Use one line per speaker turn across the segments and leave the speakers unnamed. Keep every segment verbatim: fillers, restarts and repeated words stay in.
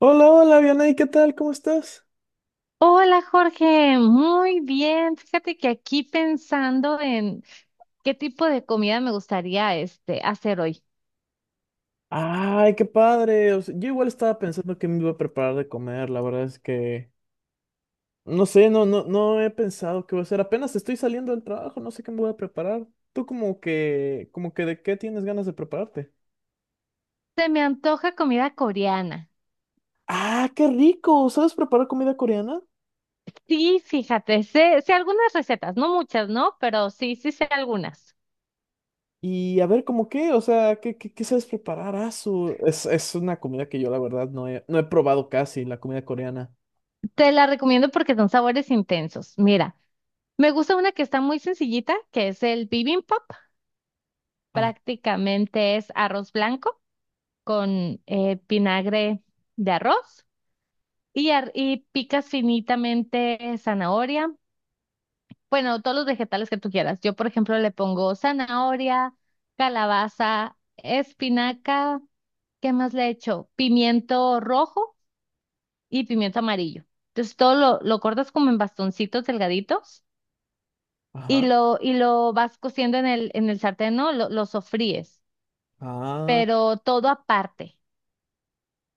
Hola, hola, Vianey, ¿qué tal? ¿Cómo estás?
Hola Jorge, muy bien. Fíjate que aquí pensando en qué tipo de comida me gustaría este hacer hoy.
Ay, qué padre. O sea, yo igual estaba pensando que me iba a preparar de comer. La verdad es que no sé, no, no, no he pensado qué voy a hacer. Apenas estoy saliendo del trabajo, no sé qué me voy a preparar. ¿Tú como que, como que de qué tienes ganas de prepararte?
Se me antoja comida coreana.
Ah, qué rico. ¿Sabes preparar comida coreana?
Sí, fíjate, sé, sé algunas recetas, no muchas, ¿no? Pero sí, sí sé algunas.
Y a ver, ¿cómo qué? O sea, ¿qué, qué, qué sabes preparar? Ah, su- Es, es una comida que yo la verdad no he, no he probado casi, la comida coreana.
Te las recomiendo porque son sabores intensos. Mira, me gusta una que está muy sencillita, que es el bibimbap.
Ah,
Prácticamente es arroz blanco con eh, vinagre de arroz. Y, ar- y picas finitamente zanahoria. Bueno, todos los vegetales que tú quieras. Yo, por ejemplo, le pongo zanahoria, calabaza, espinaca. ¿Qué más le echo? Pimiento rojo y pimiento amarillo. Entonces, todo lo, lo cortas como en bastoncitos delgaditos y
ajá.
lo, y lo vas cociendo en el, en el sartén, ¿no? Lo, lo sofríes,
Ah,
pero todo aparte.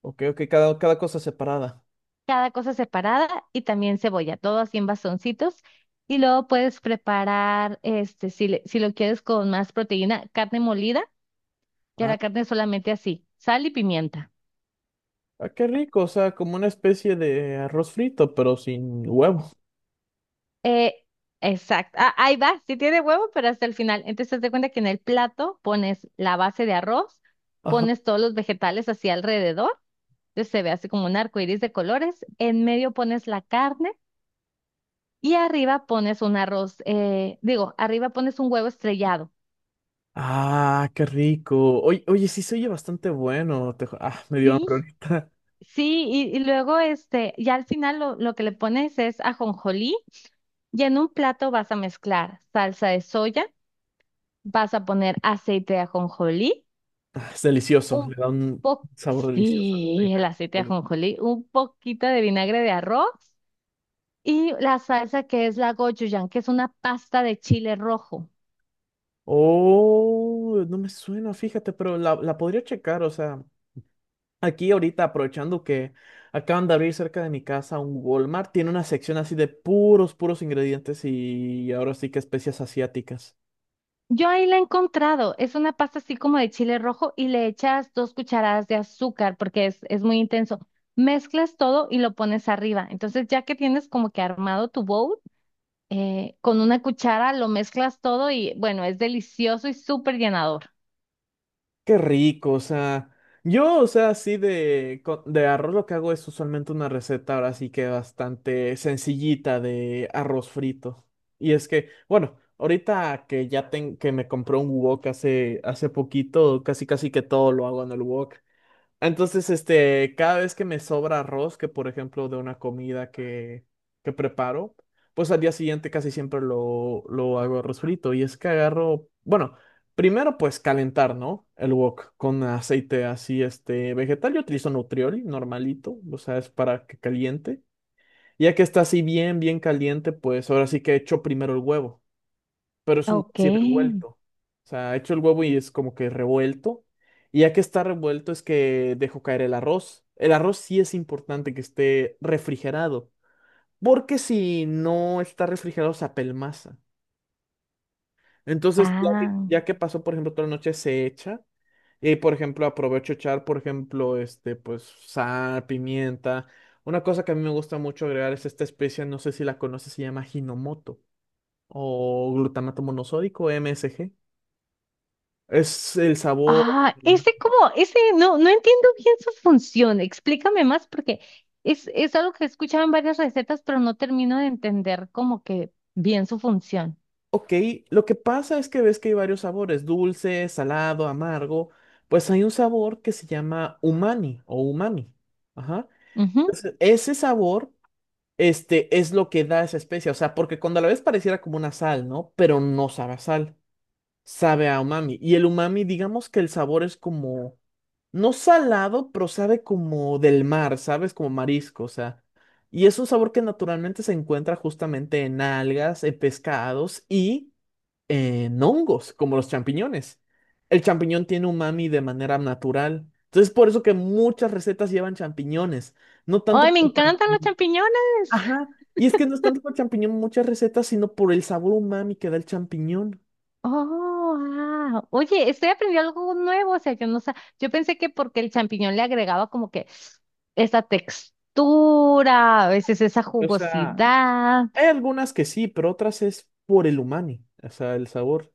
ok, ok, cada, cada cosa separada.
Cada cosa separada y también cebolla, todo así en bastoncitos. Y luego puedes preparar, este, si, le- si lo quieres con más proteína, carne molida, ya
Ah,
la carne solamente así, sal y pimienta.
ah, qué rico, o sea, como una especie de arroz frito, pero sin huevo.
Eh, exacto. Ah, ahí va, sí tiene huevo, pero hasta el final. Entonces, te cuenta que en el plato pones la base de arroz,
Ajá.
pones todos los vegetales así alrededor, entonces se ve así como un arco iris de colores, en medio pones la carne y arriba pones un arroz, eh, digo, arriba pones un huevo estrellado.
Ah, qué rico. Oye, oye, sí se oye bastante bueno. Te ju- ah, me dio
Sí,
hambre ahorita.
sí, y, y luego este, ya al final lo, lo que le pones es ajonjolí y en un plato vas a mezclar salsa de soya, vas a poner aceite de ajonjolí,
Ah, es delicioso, le
un
da un
po
sabor delicioso a la
sí, el
carne.
aceite de ajonjolí, un poquito de vinagre de arroz y la salsa que es la gochujang, que es una pasta de chile rojo.
Oh, no me suena, fíjate, pero la, la podría checar, o sea, aquí ahorita aprovechando que acaban de abrir cerca de mi casa un Walmart, tiene una sección así de puros, puros ingredientes y ahora sí que especias asiáticas.
Yo ahí la he encontrado. Es una pasta así como de chile rojo y le echas dos cucharadas de azúcar porque es, es muy intenso. Mezclas todo y lo pones arriba. Entonces, ya que tienes como que armado tu bowl, eh, con una cuchara lo mezclas todo y bueno, es delicioso y súper llenador.
Qué rico, o sea, yo, o sea, así de, co- de arroz lo que hago es usualmente una receta ahora sí que bastante sencillita de arroz frito. Y es que, bueno, ahorita que ya ten, que me compré un wok hace, hace poquito, casi casi que todo lo hago en el wok. Entonces, este, cada vez que me sobra arroz, que por ejemplo de una comida que, que preparo, pues al día siguiente casi siempre lo, lo hago arroz frito. Y es que agarro, bueno, primero pues calentar, ¿no? El wok con aceite así, este, vegetal. Yo utilizo Nutrioli, normalito, o sea, es para que caliente. Ya que está así bien, bien caliente, pues ahora sí que echo primero el huevo, pero es un huevo
Ok.
así revuelto. O sea, hecho el huevo y es como que revuelto. Y ya que está revuelto es que dejo caer el arroz. El arroz sí es importante que esté refrigerado, porque si no está refrigerado se apelmaza. Entonces, ya que,
Ah.
ya que pasó, por ejemplo, toda la noche, se echa. Y, por ejemplo, aprovecho echar, por ejemplo, este, pues, sal, pimienta. Una cosa que a mí me gusta mucho agregar es esta especia, no sé si la conoces, se llama Hinomoto o glutamato monosódico, M S G. Es el sabor.
Ah,
mm,
ese como, ese no, no entiendo bien su función. Explícame más porque es, es algo que he escuchado en varias recetas, pero no termino de entender como que bien su función.
Ok, lo que pasa es que ves que hay varios sabores, dulce, salado, amargo. Pues hay un sabor que se llama umami o umami. Ajá.
Ujú.
Entonces, ese sabor, este, es lo que da esa especia. O sea, porque cuando a la ves pareciera como una sal, ¿no? Pero no sabe a sal, sabe a umami. Y el umami, digamos que el sabor es como no salado, pero sabe como del mar, ¿sabes? Como marisco, o sea. Y es un sabor que naturalmente se encuentra justamente en algas, en pescados y en hongos, como los champiñones. El champiñón tiene umami de manera natural. Entonces, por eso que muchas recetas llevan champiñones. No tanto
Ay, me
por
encantan los
champiñón.
champiñones.
Ajá. Y es que no es tanto por champiñón muchas recetas, sino por el sabor umami que da el champiñón.
Oh, ah. Oye, estoy aprendiendo algo nuevo. O sea, yo no sé. Yo pensé que porque el champiñón le agregaba como que esa textura, a veces esa
O sea,
jugosidad.
hay algunas que sí, pero otras es por el umami, o sea, el sabor.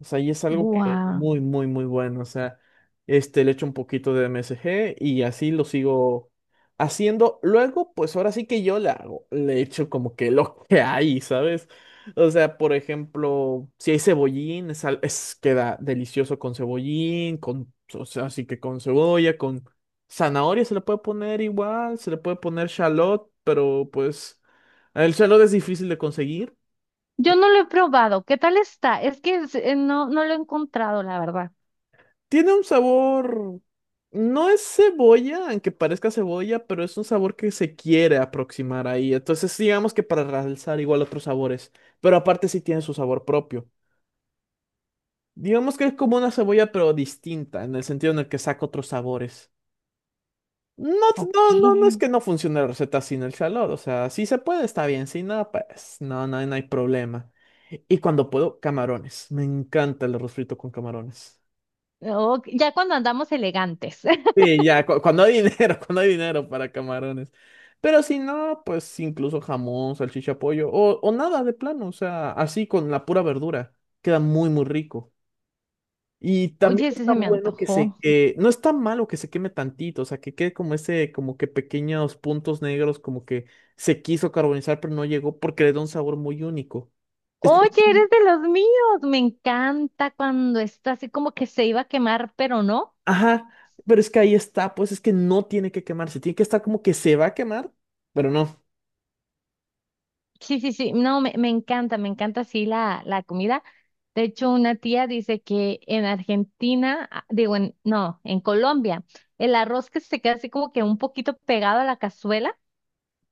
O sea, y es algo que es
Guau.
muy, muy, muy bueno. O sea, este, le echo un poquito de M S G y así lo sigo haciendo. Luego, pues ahora sí que yo le hago, le echo como que lo que hay, ¿sabes? O sea, por ejemplo, si hay cebollín, es, al- es- queda delicioso con cebollín, con, o sea, así que con cebolla, con zanahoria se le puede poner igual, se le puede poner shallot, pero pues el shallot es difícil de conseguir.
Yo no lo he probado. ¿Qué tal está? Es que es- eh, no, no lo he encontrado, la verdad.
Tiene un sabor, no es cebolla, aunque parezca cebolla, pero es un sabor que se quiere aproximar ahí. Entonces, digamos que para realzar igual otros sabores, pero aparte sí tiene su sabor propio. Digamos que es como una cebolla, pero distinta, en el sentido en el que saca otros sabores. No,
Ok.
no, no, no es que no funcione la receta sin el calor, o sea, si se puede, está bien, si no, pues no, no, no hay problema. Y cuando puedo, camarones. Me encanta el arroz frito con camarones.
Ok, ya cuando andamos elegantes.
Sí, ya, cu- cuando hay dinero, cuando hay dinero para camarones. Pero si no, pues incluso jamón, salchicha, pollo o, o nada de plano, o sea, así con la pura verdura. Queda muy, muy rico. Y también
Oye, ese
está
se me
bueno que se,
antojó.
que- no está malo que se queme tantito, o sea, que quede como ese, como que pequeños puntos negros, como que se quiso carbonizar, pero no llegó porque le da un sabor muy único. Es-
Oye, eres de los míos. Me encanta cuando está así como que se iba a quemar, pero no.
Ajá, pero es que ahí está, pues es que no tiene que quemarse, tiene que estar como que se va a quemar, pero no.
Sí, sí, sí, no, me, me encanta, me encanta así la, la comida. De hecho, una tía dice que en Argentina, ah, digo, en, no, en Colombia, el arroz que se queda así como que un poquito pegado a la cazuela,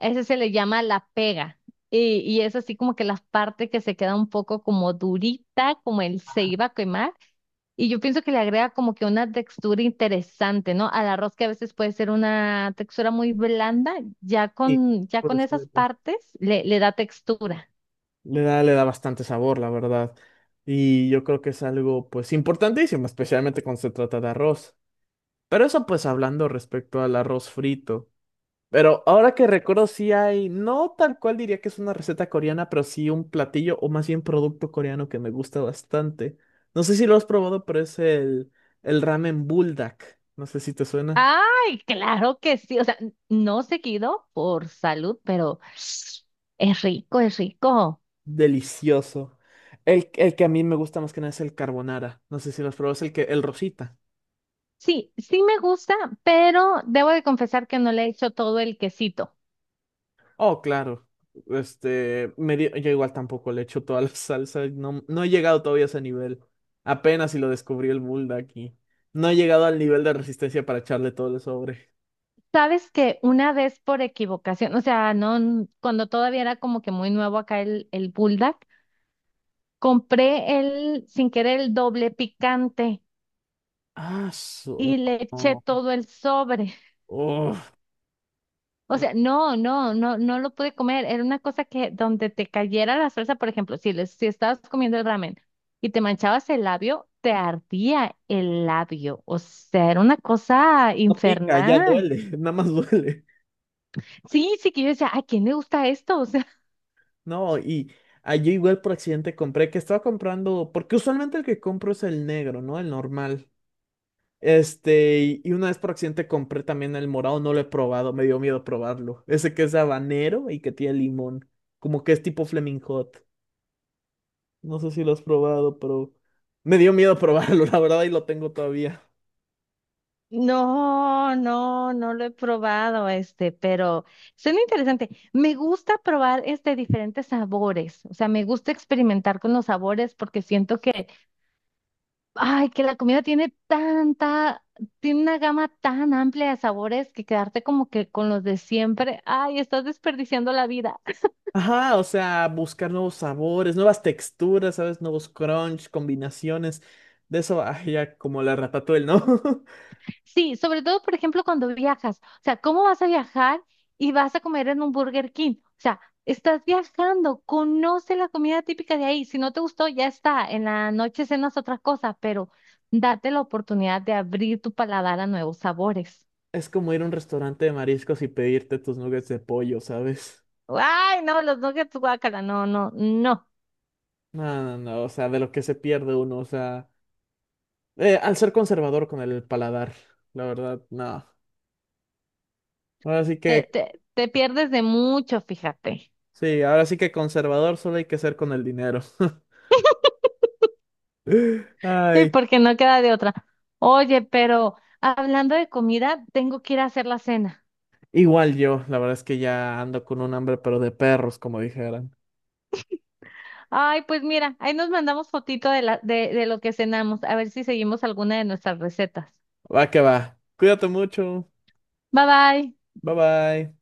a ese se le llama la pega. Y, y es así como que la parte que se queda un poco como durita, como él se iba a quemar. Y yo pienso que le agrega como que una textura interesante, ¿no? Al arroz que a veces puede ser una textura muy blanda, ya
Sí,
con, ya
puede
con esas
ser.
partes le le da textura.
Le da, le da bastante sabor, la verdad. Y yo creo que es algo, pues, importantísimo, especialmente cuando se trata de arroz. Pero eso, pues, hablando respecto al arroz frito. Pero ahora que recuerdo, sí hay, no tal cual diría que es una receta coreana, pero sí un platillo o más bien producto coreano que me gusta bastante. No sé si lo has probado, pero es el, el ramen buldak. No sé si te suena.
Ay, claro que sí. O sea, n- no seguido por salud, pero es rico, es rico.
Delicioso. El, el que a mí me gusta más que nada es el carbonara. No sé si lo has probado, es el que, el rosita.
Sí, sí me gusta, pero debo de confesar que no le he hecho todo el quesito.
Oh, claro. Este, me di- yo igual tampoco le echo toda la salsa. No, no he llegado todavía a ese nivel. Apenas si lo descubrí el Bulldog aquí. No he llegado al nivel de resistencia para echarle todo el sobre.
Sabes que una vez por equivocación, o sea, no, n- cuando todavía era como que muy nuevo acá el, el Bulldog, compré el, sin querer, el doble picante
Ah, su-
y le eché
no.
todo el sobre.
Uf,
O
no,
sea, no, no, no, no lo pude comer. Era una cosa que donde te cayera la salsa, por ejemplo, si, les, si estabas comiendo el ramen y te manchabas el labio, te ardía el labio. O sea, era una cosa
no pica, ya
infernal.
duele. Nada más duele.
Sí, sí que yo decía, ¿a quién le gusta esto? O sea,
No, y ah, yo igual por accidente compré, que estaba comprando, porque usualmente el que compro es el negro, ¿no? El normal. Este, y y una vez por accidente compré también el morado, no lo he probado, me dio miedo probarlo. Ese que es habanero y que tiene limón, como que es tipo Flaming Hot. No sé si lo has probado, pero me dio miedo probarlo, la verdad, y lo tengo todavía.
no, no, no lo he probado este, pero suena interesante. Me gusta probar este diferentes sabores. O sea, me gusta experimentar con los sabores porque siento que ay, que la comida tiene tanta, tiene una gama tan amplia de sabores que quedarte como que con los de siempre, ay, estás desperdiciando la vida.
Ajá, o sea, buscar nuevos sabores, nuevas texturas, ¿sabes? Nuevos crunch, combinaciones. De eso, ay, ya como la ratatouille, ¿no?
Sí, sobre todo, por ejemplo, cuando viajas. O sea, ¿cómo vas a viajar y vas a comer en un Burger King? O sea, estás viajando, conoce la comida típica de ahí. Si no te gustó, ya está. En la noche cenas otra cosa, pero date la oportunidad de abrir tu paladar a nuevos sabores.
Es como ir a un restaurante de mariscos y pedirte tus nuggets de pollo, ¿sabes?
Ay, no, los nuggets, guácala, no, no, no.
No, no, no, o sea, de lo que se pierde uno, o sea. Eh, al ser conservador con el paladar, la verdad, no. Ahora sí
Te,
que,
te, te pierdes de mucho, fíjate.
sí, ahora sí que conservador solo hay que ser con el dinero.
Sí,
Ay,
porque no queda de otra. Oye, pero hablando de comida, tengo que ir a hacer la cena.
igual yo, la verdad es que ya ando con un hambre, pero de perros, como dijeran.
Ay, pues mira, ahí nos mandamos fotito de la, de, de lo que cenamos, a ver si seguimos alguna de nuestras recetas.
Va que va. Cuídate mucho.
Bye bye.
Bye bye.